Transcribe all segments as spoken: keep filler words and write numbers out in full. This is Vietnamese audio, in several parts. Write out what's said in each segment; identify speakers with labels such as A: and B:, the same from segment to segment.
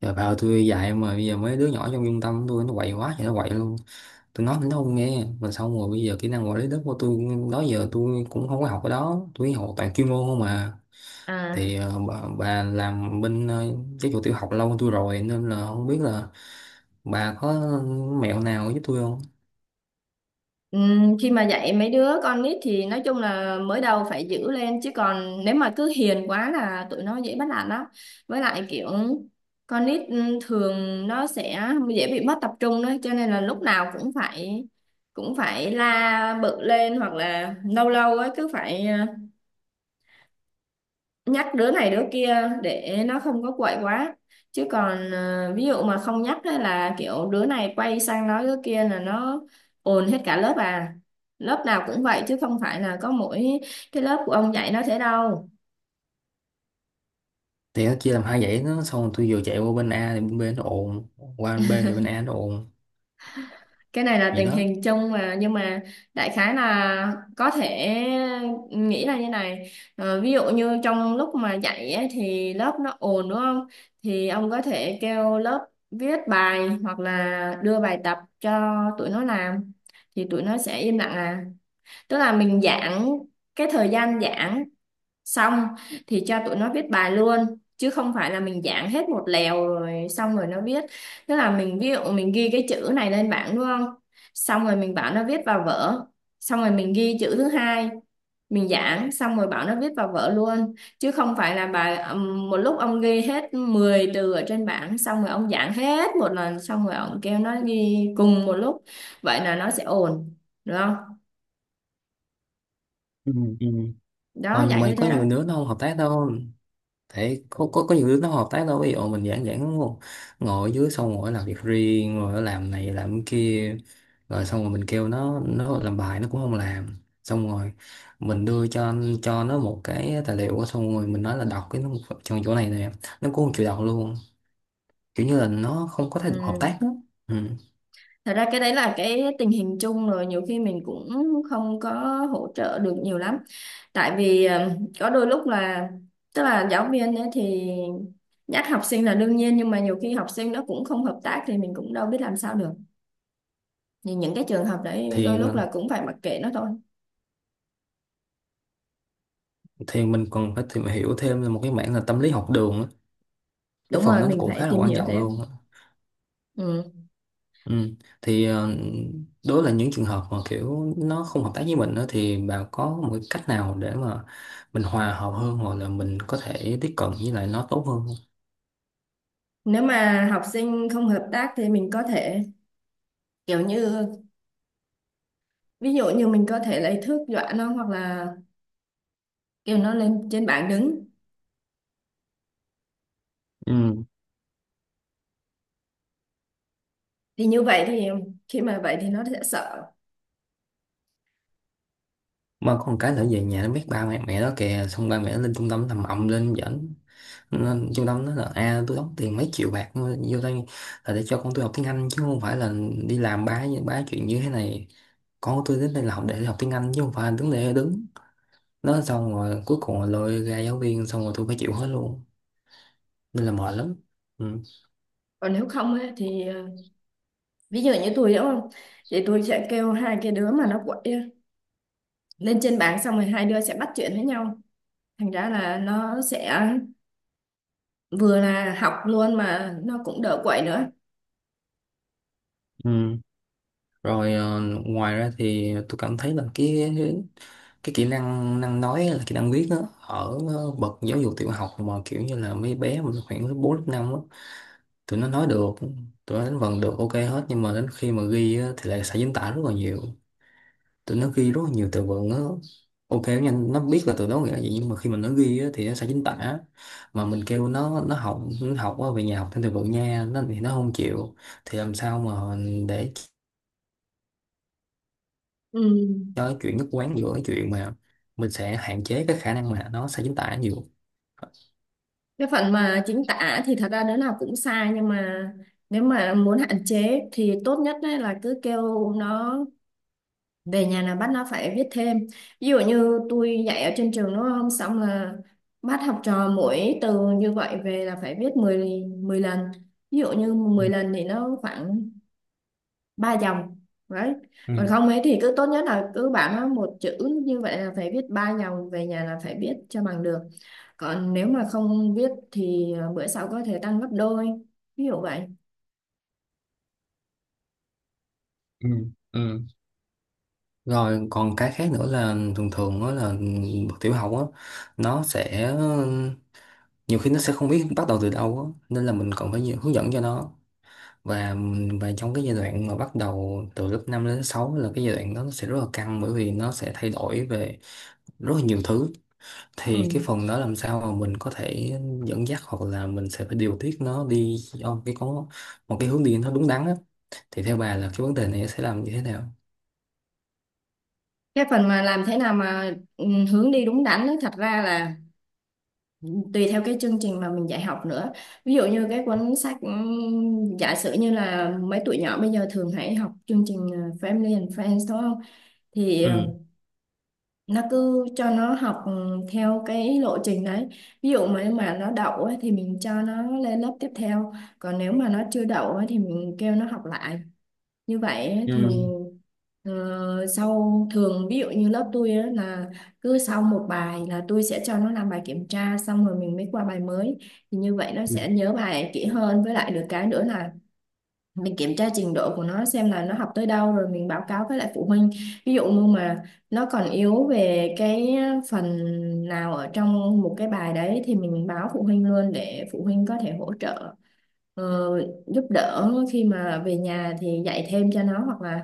A: Giờ vào tôi dạy mà bây giờ mấy đứa nhỏ trong trung tâm tôi nó quậy quá thì nó quậy luôn. Tôi nói thì nó không nghe. Mà xong rồi bây giờ kỹ năng quản lý đất của tôi đó giờ tôi cũng không có học ở đó. Tôi học toàn chuyên môn không mà.
B: À,
A: Thì ờ, bà, bà làm bên ờ, giáo dục tiểu học lâu hơn tôi rồi nên là không biết là bà có mẹo nào giúp tôi không?
B: ừm, khi mà dạy mấy đứa con nít thì nói chung là mới đầu phải giữ lên, chứ còn nếu mà cứ hiền quá là tụi nó dễ bắt nạt lắm. Với lại kiểu con nít ừm, thường nó sẽ dễ bị mất tập trung đấy, cho nên là lúc nào cũng phải cũng phải la bự lên, hoặc là lâu lâu ấy cứ phải à, nhắc đứa này đứa kia để nó không có quậy quá. Chứ còn ờ, ví dụ mà không nhắc á là kiểu đứa này quay sang nói đứa kia là nó ồn hết cả lớp à, lớp nào cũng vậy chứ không phải là có mỗi cái lớp của ông dạy nó thế đâu.
A: Thì nó chia làm hai dãy nó, xong rồi tôi vừa chạy qua bên A thì bên B nó ồn. Qua bên B thì bên A nó ồn.
B: Cái này là
A: Vậy
B: tình
A: đó.
B: hình chung mà, nhưng mà đại khái là có thể nghĩ là như này. Ờ, ví dụ như trong lúc mà dạy ấy, thì lớp nó ồn đúng không, thì ông có thể kêu lớp viết bài hoặc là đưa bài tập cho tụi nó làm, thì tụi nó sẽ im lặng à. Tức là mình giãn cái thời gian giảng xong thì cho tụi nó viết bài luôn, chứ không phải là mình giảng hết một lèo rồi xong rồi nó viết. Tức là mình ví dụ mình ghi cái chữ này lên bảng đúng không, xong rồi mình bảo nó viết vào vở, xong rồi mình ghi chữ thứ hai, mình giảng xong rồi bảo nó viết vào vở luôn, chứ không phải là bài ừm, một lúc ông ghi hết mười từ ở trên bảng, xong rồi ông giảng hết một lần, xong rồi ông kêu nó ghi cùng một lúc. Vậy là nó sẽ ổn, được không?
A: Ừ, ừ. Mà,
B: Đó, dạng
A: mà
B: như
A: có
B: thế đó.
A: nhiều đứa nó không hợp tác đâu. Thế có có có nhiều đứa nó hợp tác đâu, ví dụ mình giảng giảng ngồi ngồi ở dưới xong rồi nó làm việc riêng, rồi nó làm này làm cái kia, rồi xong rồi mình kêu nó nó làm bài nó cũng không làm. Xong rồi mình đưa cho cho nó một cái tài liệu, xong rồi mình nói là đọc cái nó trong chỗ này nè, nó cũng không chịu đọc luôn, kiểu như là nó không có thái độ hợp
B: Ừ.
A: tác đó. Ừ.
B: Thật ra cái đấy là cái tình hình chung rồi, nhiều khi mình cũng không có hỗ trợ được nhiều lắm. Tại vì ờ, có đôi lúc là tức là giáo viên ấy thì nhắc học sinh là đương nhiên, nhưng mà nhiều khi học sinh nó cũng không hợp tác thì mình cũng đâu biết làm sao được. Thì những cái trường hợp đấy
A: thì
B: đôi lúc là cũng phải mặc kệ nó thôi.
A: thì mình còn phải tìm hiểu thêm một cái mảng là tâm lý học đường á. Cái
B: Đúng
A: phần đó
B: rồi,
A: nó
B: mình
A: cũng
B: phải
A: khá là
B: tìm
A: quan
B: hiểu
A: trọng luôn
B: thêm.
A: á.
B: Ừ.
A: Ừ. Thì ờ, đó là những trường hợp mà kiểu nó không hợp tác với mình đó, thì bà có một cái cách nào để mà mình hòa hợp hơn hoặc là mình có thể tiếp cận với lại nó tốt hơn không?
B: Nếu mà học sinh không hợp tác thì mình có thể kiểu như ví dụ như mình có thể lấy thước dọa nó, hoặc là kêu nó lên trên bảng đứng,
A: Ừ.
B: thì như vậy thì khi mà vậy thì nó sẽ sợ.
A: Mà có một cái nữa, về nhà nó biết ba mẹ mẹ đó kìa, xong ba mẹ nó lên trung tâm làm ầm lên, dẫn nên trung tâm nó là à, tôi đóng tiền mấy triệu bạc vô đây là để cho con tôi học tiếng Anh, chứ không phải là đi làm bá bá chuyện như thế này. Con của tôi đến đây là học để học tiếng Anh chứ không phải là đứng để đứng nó, xong rồi cuối cùng là lôi ra giáo viên, xong rồi tôi phải chịu hết luôn, nên là mệt lắm. Ừ.
B: Còn nếu không á, thì ờ, ví dụ như tôi đúng không, thì tôi sẽ kêu hai cái đứa mà nó quậy á, lên trên bảng, xong rồi hai đứa sẽ bắt chuyện với nhau, thành ra là nó sẽ vừa là học luôn mà nó cũng đỡ quậy nữa.
A: Ừ. Rồi ờ, ngoài ra thì tôi cảm thấy là cái cái kỹ năng năng nói, là kỹ năng viết á, ở ờ, bậc giáo dục tiểu học, mà kiểu như là mấy bé mà khoảng lớp bốn, lớp năm á, tụi nó nói được, tụi nó đánh vần được ok hết, nhưng mà đến khi mà ghi á, thì lại sai chính tả rất là nhiều. Tụi nó ghi rất là nhiều từ vựng, nó ok, nó nhanh, nó biết là từ đó nghĩa là gì, nhưng mà khi mà nó ghi á, thì nó sẽ chính tả. Mà mình kêu nó nó học nó học á, về nhà học thêm từ vựng nha, nó thì nó không chịu. Thì làm sao mà để
B: Ừ.
A: cho cái chuyện nhất quán giữa cái chuyện mà mình sẽ hạn chế cái khả năng mà nó sẽ chính tả nhiều.
B: Cái phần mà chính tả thì thật ra đứa nào cũng sai, nhưng mà nếu mà muốn hạn chế thì tốt nhất á là cứ kêu nó về nhà là bác nó phải viết thêm. Ví dụ như tôi dạy ở trên trường đúng không, xong là bác học trò mỗi từ như vậy về là phải viết mười mười lần. Ví dụ như mười lần thì nó khoảng ba dòng đấy. Còn
A: Ừ,
B: không ấy thì cứ tốt nhất là cứ bảo nó một chữ như vậy là phải viết ba dòng, về nhà là phải viết cho bằng được, còn nếu mà không viết thì à, bữa sau có thể tăng gấp đôi, ví dụ vậy.
A: ừ, ừ. Rồi còn cái khác nữa là thường thường đó là bậc tiểu học á, nó sẽ nhiều khi nó sẽ không biết bắt đầu từ đâu á, nên là mình còn phải nhiều hướng dẫn cho nó. Và và trong cái giai đoạn mà bắt đầu từ lớp năm đến sáu là cái giai đoạn đó, nó sẽ rất là căng bởi vì nó sẽ thay đổi về rất là nhiều thứ. Thì cái
B: Ừ.
A: phần đó làm sao mà mình có thể dẫn dắt hoặc là mình sẽ phải điều tiết nó đi ở cái có một cái hướng đi nó đúng đắn á, thì theo bà là cái vấn đề này sẽ làm như thế nào?
B: Cái phần mà làm thế nào mà ừ, hướng đi đúng đắn ấy, thật ra là tùy theo cái chương trình mà mình dạy học nữa. Ví dụ như cái cuốn sách ừm, giả sử như là mấy tụi nhỏ bây giờ thường hay học chương trình ờ, Family and Friends đúng không, thì ờ,
A: Ừ.
B: nó cứ cho nó học ừ, theo cái lộ trình đấy. Ví dụ mà mà nó đậu ấy, thì mình cho nó lên lớp tiếp theo, còn nếu mà nó chưa đậu ấy, thì mình kêu nó học lại. Như vậy ấy, thì
A: Ừ.
B: ờ, sau thường ví dụ như lớp tôi ấy, là cứ sau một bài là tôi sẽ cho nó làm bài kiểm tra xong rồi mình mới qua bài mới, thì như vậy nó
A: Ừ.
B: sẽ nhớ bài kỹ hơn. Với lại được cái nữa là mình kiểm tra trình độ của nó xem là nó học tới đâu rồi mình báo cáo với lại phụ huynh. Ví dụ như mà nó còn yếu về cái phần nào ở trong một cái bài đấy thì mình báo phụ huynh luôn để phụ huynh có thể hỗ trợ, ờ, giúp đỡ khi mà về nhà thì dạy thêm cho nó, hoặc là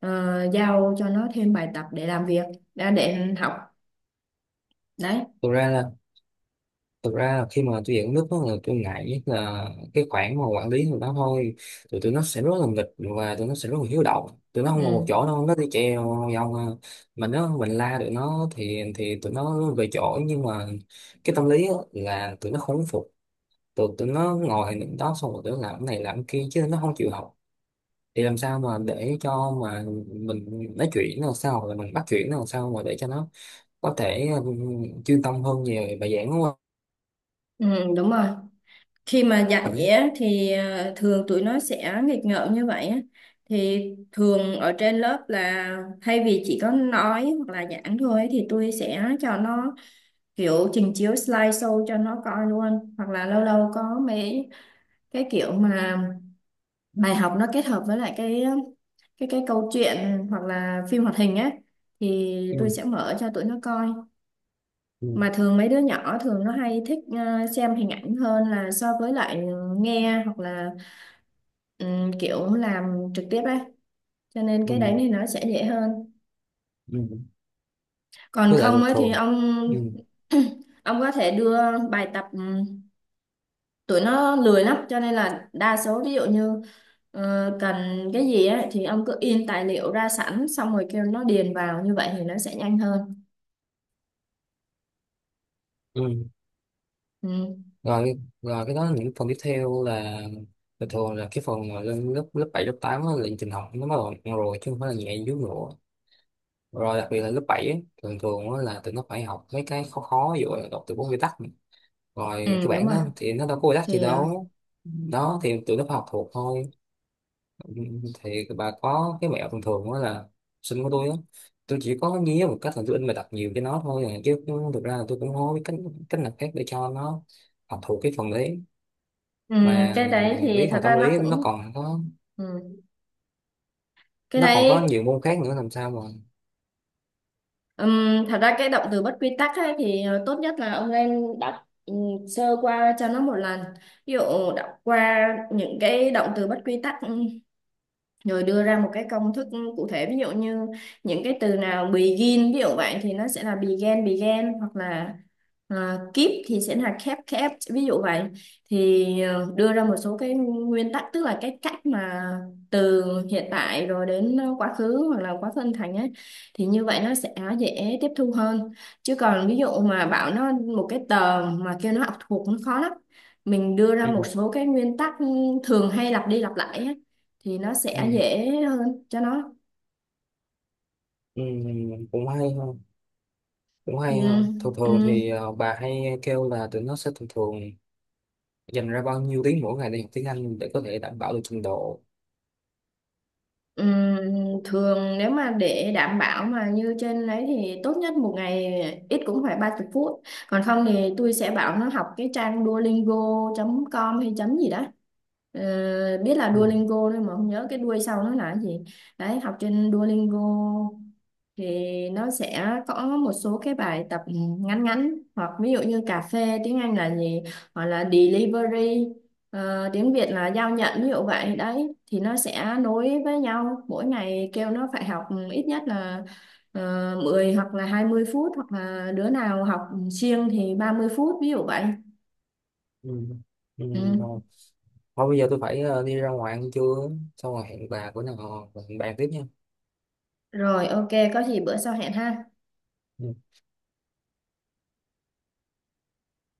B: ờ, giao cho nó thêm bài tập để làm việc đã, để học đấy.
A: Thực ra là thực ra là khi mà tôi dẫn nước đó là tôi ngại nhất là cái khoản mà quản lý người đó thôi. Tụi tụi nó sẽ rất là nghịch và tụi nó sẽ rất là hiếu động. Tụi nó không ngồi một
B: Ừ.
A: chỗ đâu, nó đi treo vòng à. Mà nếu mình la tụi nó thì thì tụi nó về chỗ nhưng mà cái tâm lý á là tụi nó không phục. Tụi tụi nó ngồi những đó, xong rồi tụi nó làm cái này làm cái kia chứ nó không chịu học. Thì làm sao mà để cho mà mình nói chuyện nó làm sao hoặc là mình bắt chuyện nó làm sao mà để cho nó có thể ừ, chuyên tâm hơn về bài giảng của
B: Ừ đúng rồi. Khi mà dạy
A: mình.
B: á, thì ờ, thường tụi nó sẽ nghịch ngợm như vậy á. Thì thường ở trên lớp là thay vì chỉ có nói hoặc là giảng thôi ấy, thì tôi sẽ cho nó kiểu trình chiếu slideshow cho nó coi luôn, hoặc là lâu lâu có mấy cái kiểu mà bài học nó kết hợp với lại cái cái cái câu chuyện hoặc là phim hoạt hình á, thì
A: Ừ.
B: tôi sẽ mở cho tụi nó coi.
A: Ừ.
B: Mà thường mấy đứa nhỏ thường nó hay thích ờ, xem hình ảnh hơn là so với lại nghe, hoặc là ừm, kiểu làm trực tiếp ấy, cho nên
A: Ừ,
B: cái đấy thì nó sẽ dễ hơn.
A: ừ,
B: Còn
A: với lại
B: không
A: thường
B: ấy thì
A: thường.
B: ông
A: Ừ,
B: ông có thể đưa bài tập. ừ, Tụi nó lười lắm cho nên là đa số, ví dụ như ờ, cần cái gì ấy, thì ông cứ in tài liệu ra sẵn xong rồi kêu nó điền vào, như vậy thì nó sẽ nhanh hơn.
A: ừ.
B: ừ,
A: Rồi cái- rồi cái đó những phần tiếp theo là thường thường là cái phần mà lên lớp lớp bảy lớp tám á, là trình học nó bắt đầu nặng rồi chứ không phải là nhẹ dưới nữa. Rồi đặc biệt là lớp bảy á, thường thường á là tụi nó phải học mấy cái khó khó, ví dụ là đọc từ vựng quy tắc này. Rồi cái
B: ừ đúng
A: bản
B: rồi.
A: đó thì nó đâu có quy tắc gì
B: Thì ờ,
A: đâu, đó thì tụi nó phải học thuộc thôi. Ừ, thì bà có cái mẹo thường thường đó là sinh của tôi á, tôi chỉ có nhía một cách là tôi in bài tập nhiều cho nó thôi à. Chứ cũng- thực ra là tôi cũng không có biết cách cách nào khác để cho nó học thuộc cái phần đấy,
B: ừ,
A: mà
B: cái đấy thì
A: biết
B: thật
A: mà
B: ra
A: tâm
B: nó
A: lý nó
B: cũng
A: còn có.
B: ừ. cái
A: Nó còn có
B: đấy.
A: nhiều môn khác nữa làm sao mà.
B: Ừm, thật ra cái động từ bất quy tắc ấy, thì ờ, tốt nhất là ông nên đọc ừ, sơ qua cho nó một lần. Ví dụ đọc qua những cái động từ bất quy tắc, ừ, rồi đưa ra một cái công thức cụ thể. Ví dụ như những cái từ nào begin, ví dụ vậy thì nó sẽ là began began, hoặc là à, keep thì sẽ là kept kept, ví dụ vậy. Thì ờ, đưa ra một số cái nguyên tắc, tức là cái cách mà từ hiện tại rồi đến quá khứ, hoặc là quá khứ âm thành ấy, thì như vậy nó sẽ dễ tiếp thu hơn. Chứ còn ví dụ mà bảo nó một cái tờ mà kêu nó học thuộc nó khó lắm. Mình đưa ra một
A: Ừ.
B: số cái nguyên tắc thường hay lặp đi lặp lại ấy, thì nó sẽ
A: ừ.
B: dễ hơn cho nó.
A: Ừ, cũng hay hơn cũng hay hơn thường
B: Ừm,
A: thường
B: ừm,
A: thì ờ, bà hay kêu là tụi nó sẽ thường thường dành ra bao nhiêu tiếng mỗi ngày để học tiếng Anh để có thể đảm bảo được trình độ.
B: ừm, thường nếu mà để đảm bảo mà như trên đấy thì tốt nhất một ngày ít cũng phải ba mươi phút. Còn không thì tôi sẽ bảo nó học cái trang duolingo chấm com hay chấm gì đó. Ờ, biết là
A: Ừ.
B: Duolingo thôi mà không nhớ cái đuôi sau nó là cái gì. Đấy, học trên Duolingo thì nó sẽ có một số cái bài tập ngắn ngắn, hoặc ví dụ như cà phê tiếng Anh là gì, hoặc là delivery, Ờ, tiếng Việt là giao nhận, ví dụ vậy đấy, thì nó sẽ nối với nhau. Mỗi ngày kêu nó phải học ít nhất là uh, mười hoặc là hai mươi phút, hoặc là đứa nào học siêng thì ba mươi phút, ví dụ vậy.
A: Ừ. Ừ.
B: Ừ.
A: Thôi bây giờ tôi phải ờ, đi ra ngoài ăn trưa, xong rồi hẹn bà bữa nào hẹn bàn tiếp nha.
B: Rồi, ok, có gì bữa sau hẹn ha.
A: Ừ.